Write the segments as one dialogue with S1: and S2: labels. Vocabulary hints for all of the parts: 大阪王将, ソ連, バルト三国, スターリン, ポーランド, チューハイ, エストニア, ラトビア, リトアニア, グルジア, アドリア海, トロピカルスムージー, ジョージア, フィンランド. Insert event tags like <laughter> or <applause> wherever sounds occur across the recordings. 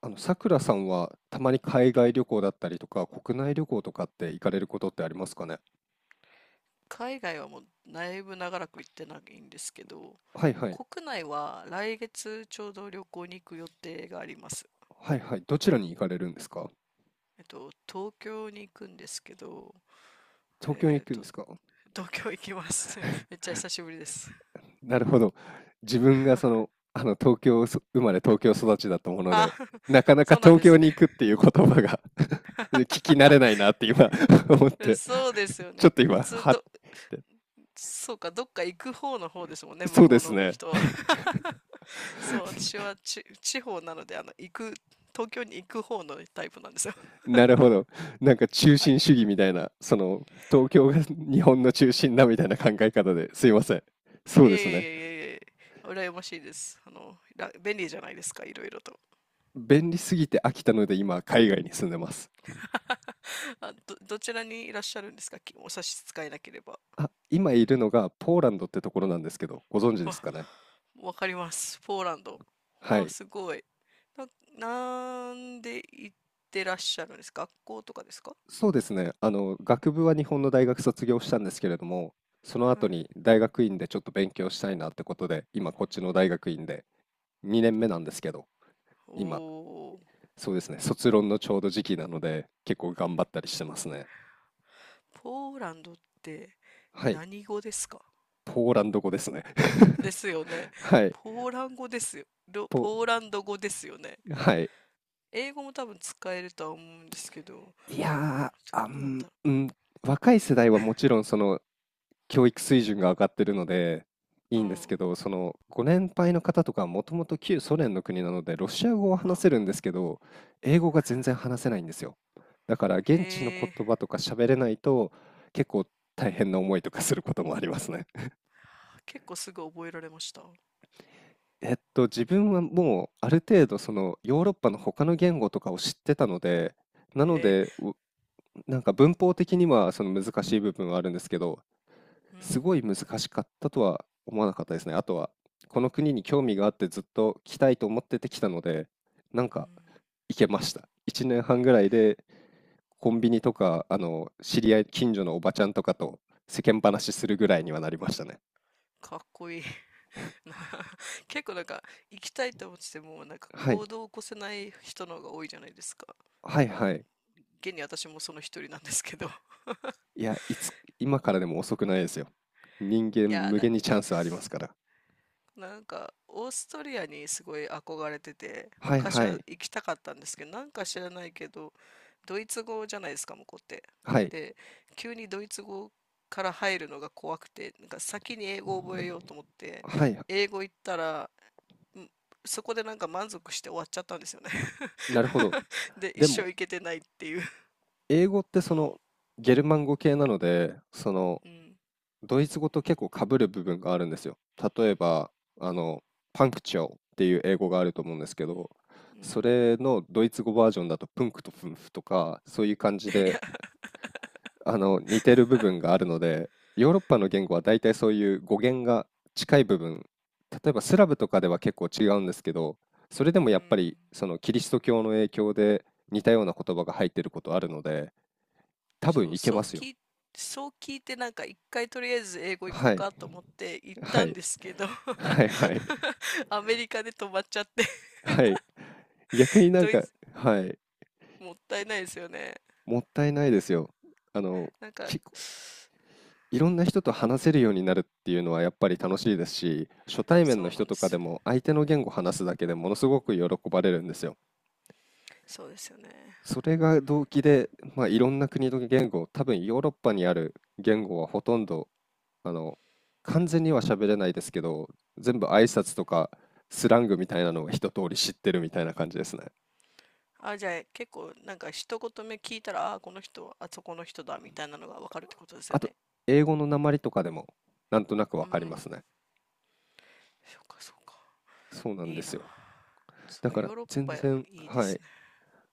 S1: さくらさんはたまに海
S2: は
S1: 外
S2: い。
S1: 旅行だったりとか、国内旅行とかって行かれることってありますかね？
S2: 海外はもうだいぶ長らく行ってないんですけど、
S1: はいはい。
S2: 国内は来月ちょうど旅行に行く予定があります。
S1: はいはい。どちらに行かれるんですか？
S2: 東京に行くんですけど、
S1: 東京に
S2: え
S1: 行
S2: っ
S1: くん
S2: と、
S1: ですか？
S2: 東京行きます。<laughs> めっちゃ久しぶりです。
S1: なるほど。自分が
S2: <laughs>
S1: 東京生まれ東京育ちだったもので、
S2: あ、
S1: なかなか
S2: そうなん
S1: 東
S2: です
S1: 京に
S2: ね。
S1: 行くっていう言葉が <laughs> 聞き慣れない
S2: <laughs>
S1: なって今 <laughs> 思って、
S2: そうですよ
S1: ちょ
S2: ね。
S1: っと
S2: 普
S1: 今、
S2: 通
S1: はっ
S2: ど、
S1: て。
S2: そうか、どっか行く方の方ですもんね、向
S1: そう
S2: こ
S1: で
S2: う
S1: す
S2: の
S1: ね。
S2: 人は。<laughs> そう、私は地方なので、東京に行く方のタイプなんですよ。
S1: <laughs> なるほど。なんか中
S2: は
S1: 心
S2: い。
S1: 主義みたいな、その東京が <laughs> 日本の中心だみたいな考え方ですいません。そ
S2: いえ
S1: う
S2: い
S1: ですね。
S2: えいえいえ、羨ましいです。便利じゃないですか、いろいろと。
S1: 便利すぎて飽きたので今海外に住んでます。
S2: <laughs> あ、どちらにいらっしゃるんですか、お差し支えなければ。
S1: あ、今いるのがポーランドってところなんですけど、ご存知
S2: <laughs>
S1: です
S2: あ、
S1: かね？
S2: わかります。ポーランド。
S1: は
S2: あ、
S1: い。
S2: すごい。なんで行ってらっしゃるんですか、学校とかですか？
S1: そうですね。学部は日本の大学卒業したんですけれども、その
S2: は
S1: 後
S2: い。
S1: に大学院でちょっと勉強したいなってことで、今こっちの大学院で2年目なんですけど、今、
S2: おー、
S1: そうですね、卒論のちょうど時期なので、結構頑張ったりしてますね。
S2: ポーランドって
S1: はい、
S2: 何語ですか？
S1: ポーランド語ですね。
S2: ですよね。
S1: <laughs> はい、ポ、
S2: ポーランド語ですよね。
S1: はい。
S2: 英語も多分使えるとは思うんですけど、
S1: いやー、
S2: どうなんだ？
S1: うん、若い世代はもちろんその教育水準が上がってるので、い
S2: う
S1: いんですけ
S2: ん、
S1: ど、そのご年配の方とかはもともと旧ソ連の国なので、ロシア語は
S2: うん。
S1: 話せるんですけど、英語が全然話せないんですよ。だから
S2: へ
S1: 現地の
S2: え、
S1: 言葉とか喋れないと、結構大変な思いとかすることもありますね。
S2: 結構すぐ覚えられました？
S1: 自分はもうある程度そのヨーロッパの他の言語とかを知ってたので、なの
S2: へえ、
S1: で、なんか文法的にはその難しい部分はあるんですけど、
S2: う
S1: す
S2: ん、
S1: ごい難しかったとは思わなかったですね。あとは、この国に興味があってずっと来たいと思ってて来たので、なん
S2: うん。
S1: か行けました。1年半ぐらいでコンビニとか、知り合い、近所のおばちゃんとかと世間話するぐらいにはなりましたね。
S2: かっこいい。な <laughs> 結構なんか、行きたいと思ってても、なんか
S1: は
S2: 行
S1: い。
S2: 動を起こせない人の方が多いじゃないですか。
S1: はい
S2: あ、
S1: はい。
S2: 現に私もその一人なんですけど。
S1: いや、今からでも遅くないですよ。人間
S2: いや、
S1: 無
S2: な
S1: 限にチャンスありますから。
S2: なんかオーストリアにすごい憧れてて
S1: はい
S2: 昔
S1: は
S2: は
S1: い。
S2: 行きたかったんですけど、なんか知らないけど、ドイツ語じゃないですか向こうって。
S1: はい。
S2: で、急にドイツ語から入るのが怖くて、なんか先に英語を覚えようと思って、
S1: はい。
S2: 英語行ったら、んそこでなんか満足して終わっちゃったんですよね。
S1: なるほど。
S2: <laughs> で、一
S1: でも、
S2: 生行けてないっていう。
S1: 英語ってゲルマン語系なので、
S2: うん。
S1: ドイツ語と結構被る部分があるんですよ。例えば、あの、パンクチョーっていう英語があると思うんですけど、
S2: う
S1: そ
S2: ん。
S1: れのドイツ語バージョンだとプンクとフンフとか、そういう感じ
S2: い
S1: で
S2: や。
S1: 似てる部分があるので、ヨーロッパの言語は大体そういう語源が近い部分、例えばスラブとかでは結構違うんですけど、それで
S2: う
S1: もやっぱり
S2: ん。
S1: そのキリスト教の影響で似たような言葉が入ってることあるので、多分
S2: そう、
S1: いけ
S2: そ
S1: ま
S2: う
S1: すよ。
S2: 聞い、そう聞いて、なんか一回とりあえず英語行こう
S1: はい、
S2: かと思って行っ
S1: は
S2: たん
S1: い、
S2: ですけど、
S1: はいはい、
S2: <laughs> アメリカで止まっちゃって。
S1: はい。逆に
S2: <laughs>
S1: なん
S2: ドイ
S1: か、
S2: ツ、
S1: はい、
S2: もったいないですよね。
S1: もったいないですよ。あの、
S2: なんか、
S1: きいろんな人と話せるようになるっていうのはやっぱり楽しいですし、初対面
S2: そ
S1: の
S2: うなん
S1: 人
S2: で
S1: とか
S2: す
S1: で
S2: よ。
S1: も相手の言語を話すだけでものすごく喜ばれるんですよ。
S2: そうですよね。
S1: それが動機で、まあ、いろんな国の言語、多分ヨーロッパにある言語はほとんど、あの、完全には喋れないですけど、全部挨拶とかスラングみたいなのが一通り知ってるみたいな感じですね。
S2: あ、じゃあ結構なんか一言目聞いたら、あ、この人はあそこの人だみたいなのがわかるってことですよ
S1: あと、
S2: ね。
S1: 英語の訛りとかでもなんとなく
S2: う
S1: わかりま
S2: ん。
S1: すね。
S2: そうかそうか。
S1: そうなん
S2: い
S1: で
S2: いな。
S1: すよ。
S2: そ
S1: だ
S2: う、
S1: から
S2: ヨーロッ
S1: 全
S2: パ
S1: 然、
S2: いいで
S1: は
S2: す
S1: い、
S2: ね。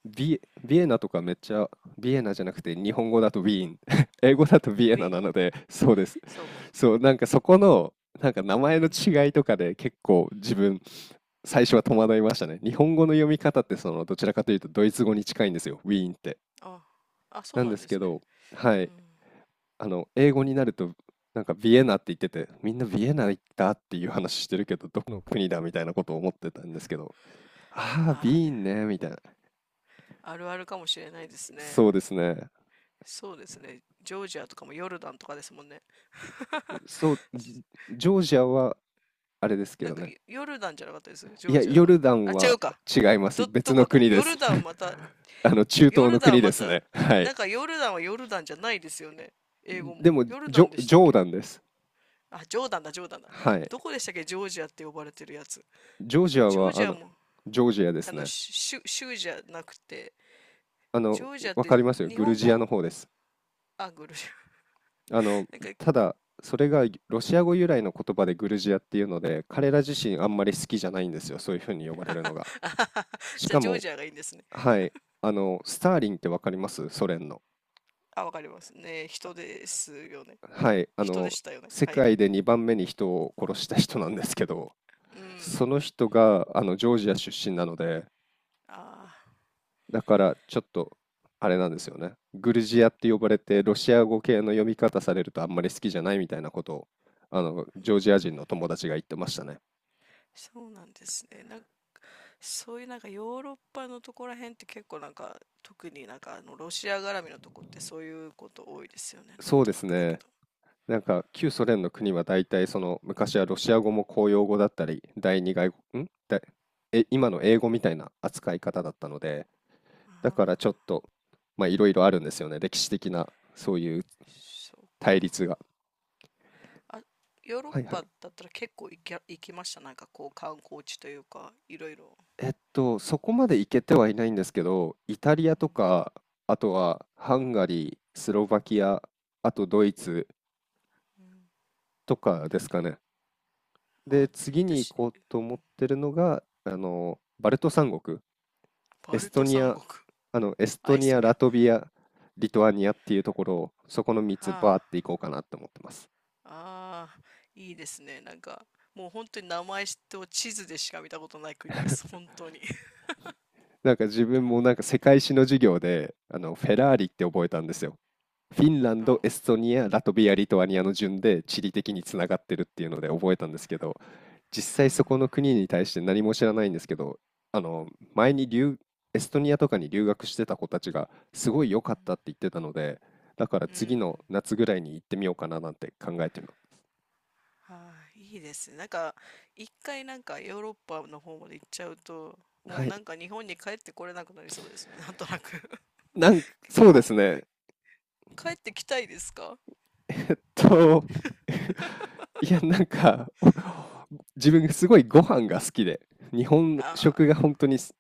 S1: ビエナとかめっちゃ、ビエナじゃなくて日本語だとウィーン、<laughs> 英語だとビ
S2: ウ
S1: エナ
S2: ィー。
S1: なので、そうです。
S2: そうか。
S1: そう、なんかそこの、なんか名
S2: う
S1: 前の
S2: ん。
S1: 違いとかで結構自分、最初は戸惑いましたね。日本語の読み方ってどちらかというとドイツ語に近いんですよ、ウィーンって。
S2: あ、あ、そ
S1: な
S2: う
S1: ん
S2: な
S1: で
S2: ん
S1: す
S2: です
S1: け
S2: ね。
S1: ど、は
S2: う
S1: い、
S2: ん。
S1: 英語になると、なんかビエナって言ってて、みんなビエナ行ったっていう話してるけど、どこの国だみたいなことを思ってたんですけど、ああ、
S2: あ
S1: ビーン
S2: あ、
S1: ね、みたいな。
S2: あるあるかもしれないですね。
S1: そうですね。
S2: そうですね。ジョージアとかもヨルダンとかですもんね。<laughs>
S1: そう、ジョージアはあれですけ
S2: なん
S1: ど
S2: か
S1: ね。
S2: ヨルダンじゃなかったですジ
S1: い
S2: ョー
S1: や、
S2: ジア
S1: ヨ
S2: が？
S1: ルダ
S2: あ、
S1: ン
S2: 違
S1: は
S2: うか。
S1: 違います。別
S2: ど
S1: の
S2: こだ
S1: 国で
S2: ヨル
S1: す。
S2: ダンま
S1: <laughs>
S2: た。
S1: 中
S2: ヨ
S1: 東
S2: ル
S1: の
S2: ダ
S1: 国
S2: ンま
S1: です
S2: た、
S1: ね。<laughs> はい。
S2: なんかヨルダンはヨルダンじゃないですよね。英語
S1: で
S2: も。
S1: も、
S2: ヨル
S1: ジ
S2: ダン
S1: ョ、
S2: でし
S1: ジ
S2: たっ
S1: ョー
S2: け？
S1: ダンです。
S2: あ、ジョーダンだ、ジョーダンだ。
S1: はい。
S2: どこでしたっけ、ジョージアって呼ばれてるやつ。
S1: ジョージア
S2: ジョー
S1: は、
S2: ジアも、
S1: ジョージアで
S2: あ
S1: す
S2: の、
S1: ね。
S2: 州じゃなくて、
S1: あ
S2: ジ
S1: の、
S2: ョージアっ
S1: わ
S2: て
S1: かりますよ。
S2: 日
S1: グル
S2: 本
S1: ジアの
S2: 語、
S1: 方です。
S2: あ、グルジア。
S1: あの、
S2: なんか、
S1: ただ、それがロシア語由来の言葉でグルジアっていうので、彼ら自身あんまり好きじゃないんですよ。そういうふうに呼ばれるのが。し
S2: じゃあ
S1: か
S2: ジョー
S1: も、
S2: ジアがいいんですね。
S1: はい。スターリンってわかります？ソ連の。
S2: あ、わかりますね。人ですよね。
S1: はい、
S2: 人でしたよね。
S1: 世
S2: はいは
S1: 界
S2: い。
S1: で2番目に人を殺した人なんですけど、
S2: うん。
S1: その人があのジョージア出身なので、
S2: ああ、
S1: だからちょっとあれなんですよね。グルジアって呼ばれて、ロシア語系の読み方されるとあんまり好きじゃないみたいなことを、
S2: う
S1: ジョージア
S2: ん。
S1: 人の友達が言ってましたね。
S2: そうなんですね。なんか、そういうなんかヨーロッパのとこら辺って結構なんか、特になんかあのロシア絡みのとこってそういうこと多いですよね。なん
S1: そうで
S2: とな
S1: す
S2: くだけ
S1: ね。
S2: ど。
S1: なんか旧ソ連の国は大体その昔はロシア語も公用語だったり第二外国、んだえ、今の英語みたいな扱い方だったので、だからちょっと、まあ、いろいろあるんですよね。歴史的な、そういう
S2: そう
S1: 対
S2: か。
S1: 立が。
S2: あ、ヨーロッ
S1: はいはい。
S2: パだったら結構行きました。なんかこう観光地というか、いろいろ。
S1: そこまで行けてはいないんですけど、イタリアとか、あとはハンガリー、スロバキア、あとドイツとかですかね。
S2: あ、
S1: で、次に行
S2: 私、
S1: こうと思ってるのが、バルト三国、エ
S2: バ
S1: ス
S2: ル
S1: ト
S2: ト
S1: ニ
S2: 三
S1: ア、
S2: 国。
S1: あの、エス
S2: あ、
S1: ト
S2: エス
S1: ニ
S2: ト
S1: ア、
S2: ニア。
S1: ラ
S2: は
S1: トビア、リトアニアっていうところを、そこの3つ
S2: あ。
S1: バーって行こうかなって思ってます。
S2: ああ、いいですね。なんか、もう本当に名前と地図でしか見たことない国です。本当に。<laughs>
S1: なんか自分もなんか世界史の授業であのフェラーリって覚えたんですよ。フィンラン
S2: うん。
S1: ド、エストニア、ラトビア、リトアニアの順で地理的につながってるっていうので覚えたんですけど、実
S2: は
S1: 際そこの
S2: あ。
S1: 国に対して何も知らないんですけど、あの前にエストニアとかに留学してた子たちがすごい良
S2: う
S1: か
S2: ん。
S1: ったって言ってたので、だから
S2: う
S1: 次の
S2: ん。
S1: 夏ぐらいに行ってみようかななんて考えてます。
S2: はあ、いいですね。なんか、一回なんかヨーロッパの方まで行っちゃうと、もう
S1: はい。
S2: なんか日本に帰ってこれなくなりそうですね。なんとなく。
S1: なんか
S2: <laughs>
S1: そ
S2: 日
S1: うで
S2: 本、
S1: すね。
S2: 帰ってきたいですか？
S1: と、<laughs> いや、なんか、<laughs> 自分すごいご飯が好きで、日本食
S2: あ
S1: が本当に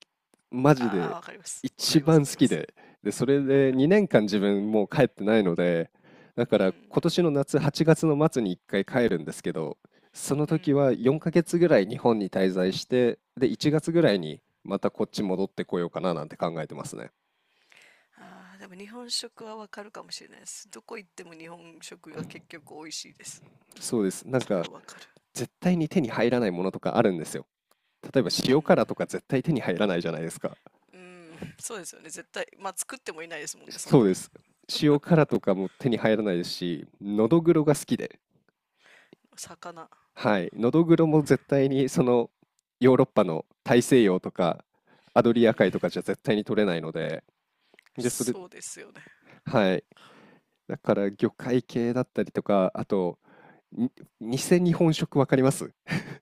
S1: マ
S2: あ、
S1: ジ
S2: ああ、
S1: で
S2: わかります。わか
S1: 一
S2: ります、
S1: 番
S2: わか
S1: 好
S2: りま
S1: き
S2: す。
S1: で、で、それで2年間自分もう帰ってないので、だ
S2: う
S1: から今
S2: ん。
S1: 年の夏8月の末に1回帰るんですけど、その
S2: う
S1: 時
S2: ん。
S1: は4ヶ月ぐらい日本に滞在して、で、1月
S2: う
S1: ぐ
S2: ん、
S1: らいにまたこっち戻ってこようかななんて考えてますね。
S2: ああ、でも日本食はわかるかもしれないです。どこ行っても日本食が結局美味しいです。
S1: そうです。なん
S2: それ
S1: か、
S2: はわか
S1: 絶対に手に入らないものとかあるんですよ。例えば
S2: る。
S1: 塩辛とか絶対手に入らないじゃないですか。
S2: うん。うん。そうですよね。絶対。まあ、作ってもいないですもんね、そん
S1: そ
S2: な。
S1: うです。塩辛とかも手に入らないですし、のどぐろが好きで、
S2: 魚。
S1: はい、のどぐろも絶対にそのヨーロッパの大西洋とかアド
S2: う
S1: リア海と
S2: ん。
S1: かじゃ絶対に取れないので、で、それ、
S2: そうですよね。
S1: はい、だから魚介系だったりとか、あと、偽日本食わかります？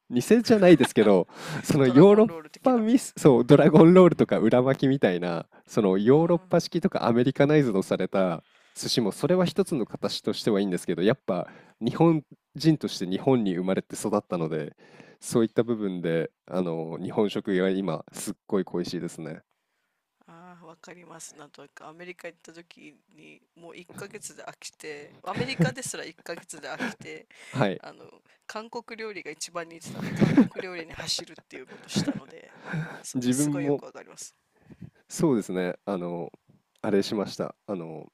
S1: 偽じゃないですけど、その
S2: ドラ
S1: ヨー
S2: ゴ
S1: ロ
S2: ン
S1: ッ
S2: ロール的
S1: パ
S2: な。
S1: ミス、そう、ドラゴンロールとか裏巻きみたいな、その
S2: うん。
S1: ヨーロッパ式とかアメリカナイズドされた寿司も、
S2: う
S1: それは一
S2: ん。
S1: つの形としてはいいんですけど、やっぱ日本人として日本に生まれて育ったので、そういった部分で、日本食が今、すっごい恋しいですね。
S2: ああ、わかります。なんとなく、アメリカ行った時に、もう1ヶ月で飽きて、アメリカで
S1: <laughs>
S2: すら1ヶ月で飽きて、
S1: はい。
S2: あの、韓国料理が一番似てたんで、韓国料理に走るっていうことをしたので、
S1: 自
S2: すご
S1: 分
S2: いよ
S1: も、
S2: くわかります。
S1: そうですね、あれしました。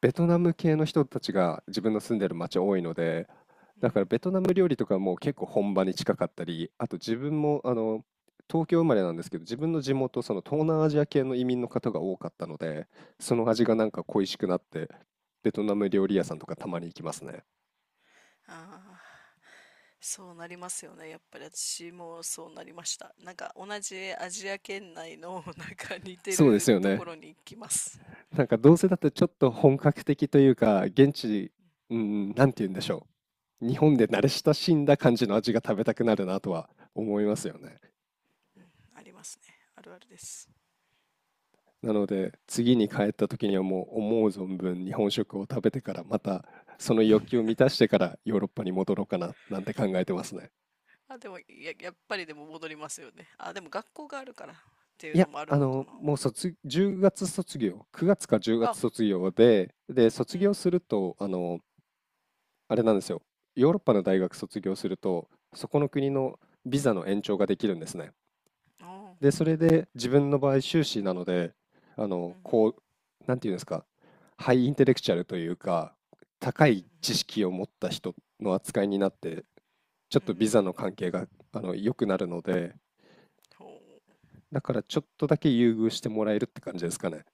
S1: ベトナム系の人たちが自分の住んでる町多いので、
S2: う
S1: だから
S2: ん。
S1: ベトナム料理とかも結構本場に近かったり、あと自分も東京生まれなんですけど、自分の地元、その東南アジア系の移民の方が多かったので、その
S2: う
S1: 味
S2: ん。
S1: がなんか恋しくなって、ベトナム料理屋さんとかたまに行きますね。
S2: ああ。そうなりますよね。やっぱり私もそうなりました。なんか同じアジア圏内の、 <laughs> なんか似て
S1: そうです
S2: る
S1: よ
S2: とこ
S1: ね。
S2: ろに行きます。
S1: なんかどうせだってちょっと本格的というか、現地、うん、なんて言うんでしょう。日本で慣れ親しんだ感じの味が食べたくなるなとは思いますよね。
S2: ありますね。あるあるです。
S1: なので、次に帰った時にはもう思う存分日本食を食べてから、またその欲求を満たしてからヨーロッパに戻ろうかな、なんて考えてますね。
S2: あ、でもや、やっぱりでも戻りますよね。あ、でも学校があるからっていう
S1: い
S2: の
S1: や、
S2: もあるのかな。
S1: もう10月卒業、9月か10
S2: あ、
S1: 月卒業で、で、
S2: う
S1: 卒業
S2: ん。
S1: すると、あれなんですよ。ヨーロッパの大学卒業すると、そこの国のビザの延長ができるんですね。
S2: あー、
S1: で、それで自分の場合修士なので、
S2: うん、うん、
S1: こう、なんていうんですか、ハイインテレクチャルというか、高
S2: うん、うん、
S1: い知識を持った人の扱いになって、ちょ
S2: う
S1: っ
S2: ん、う
S1: とビザ
S2: ん。
S1: の関係が、良くなるので、
S2: ほう。
S1: だからちょっとだけ優遇してもらえるって感じですかね。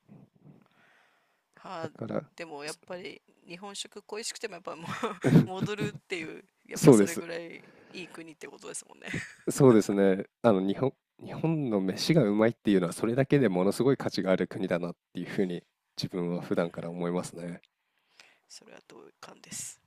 S2: は
S1: だ
S2: あ、
S1: から、
S2: でもやっ
S1: そ
S2: ぱり日本食恋しくてもやっぱもう、 <laughs>
S1: <laughs>
S2: 戻るっていう、やっぱ
S1: そう
S2: そ
S1: で
S2: れ
S1: す。
S2: ぐらいいい国ってことですもんね。
S1: そうですね。日本の飯がうまいっていうのは、それだけでものすごい価値がある国だなっていうふうに、自分は普
S2: うん。
S1: 段から思いますね。
S2: それは同感です。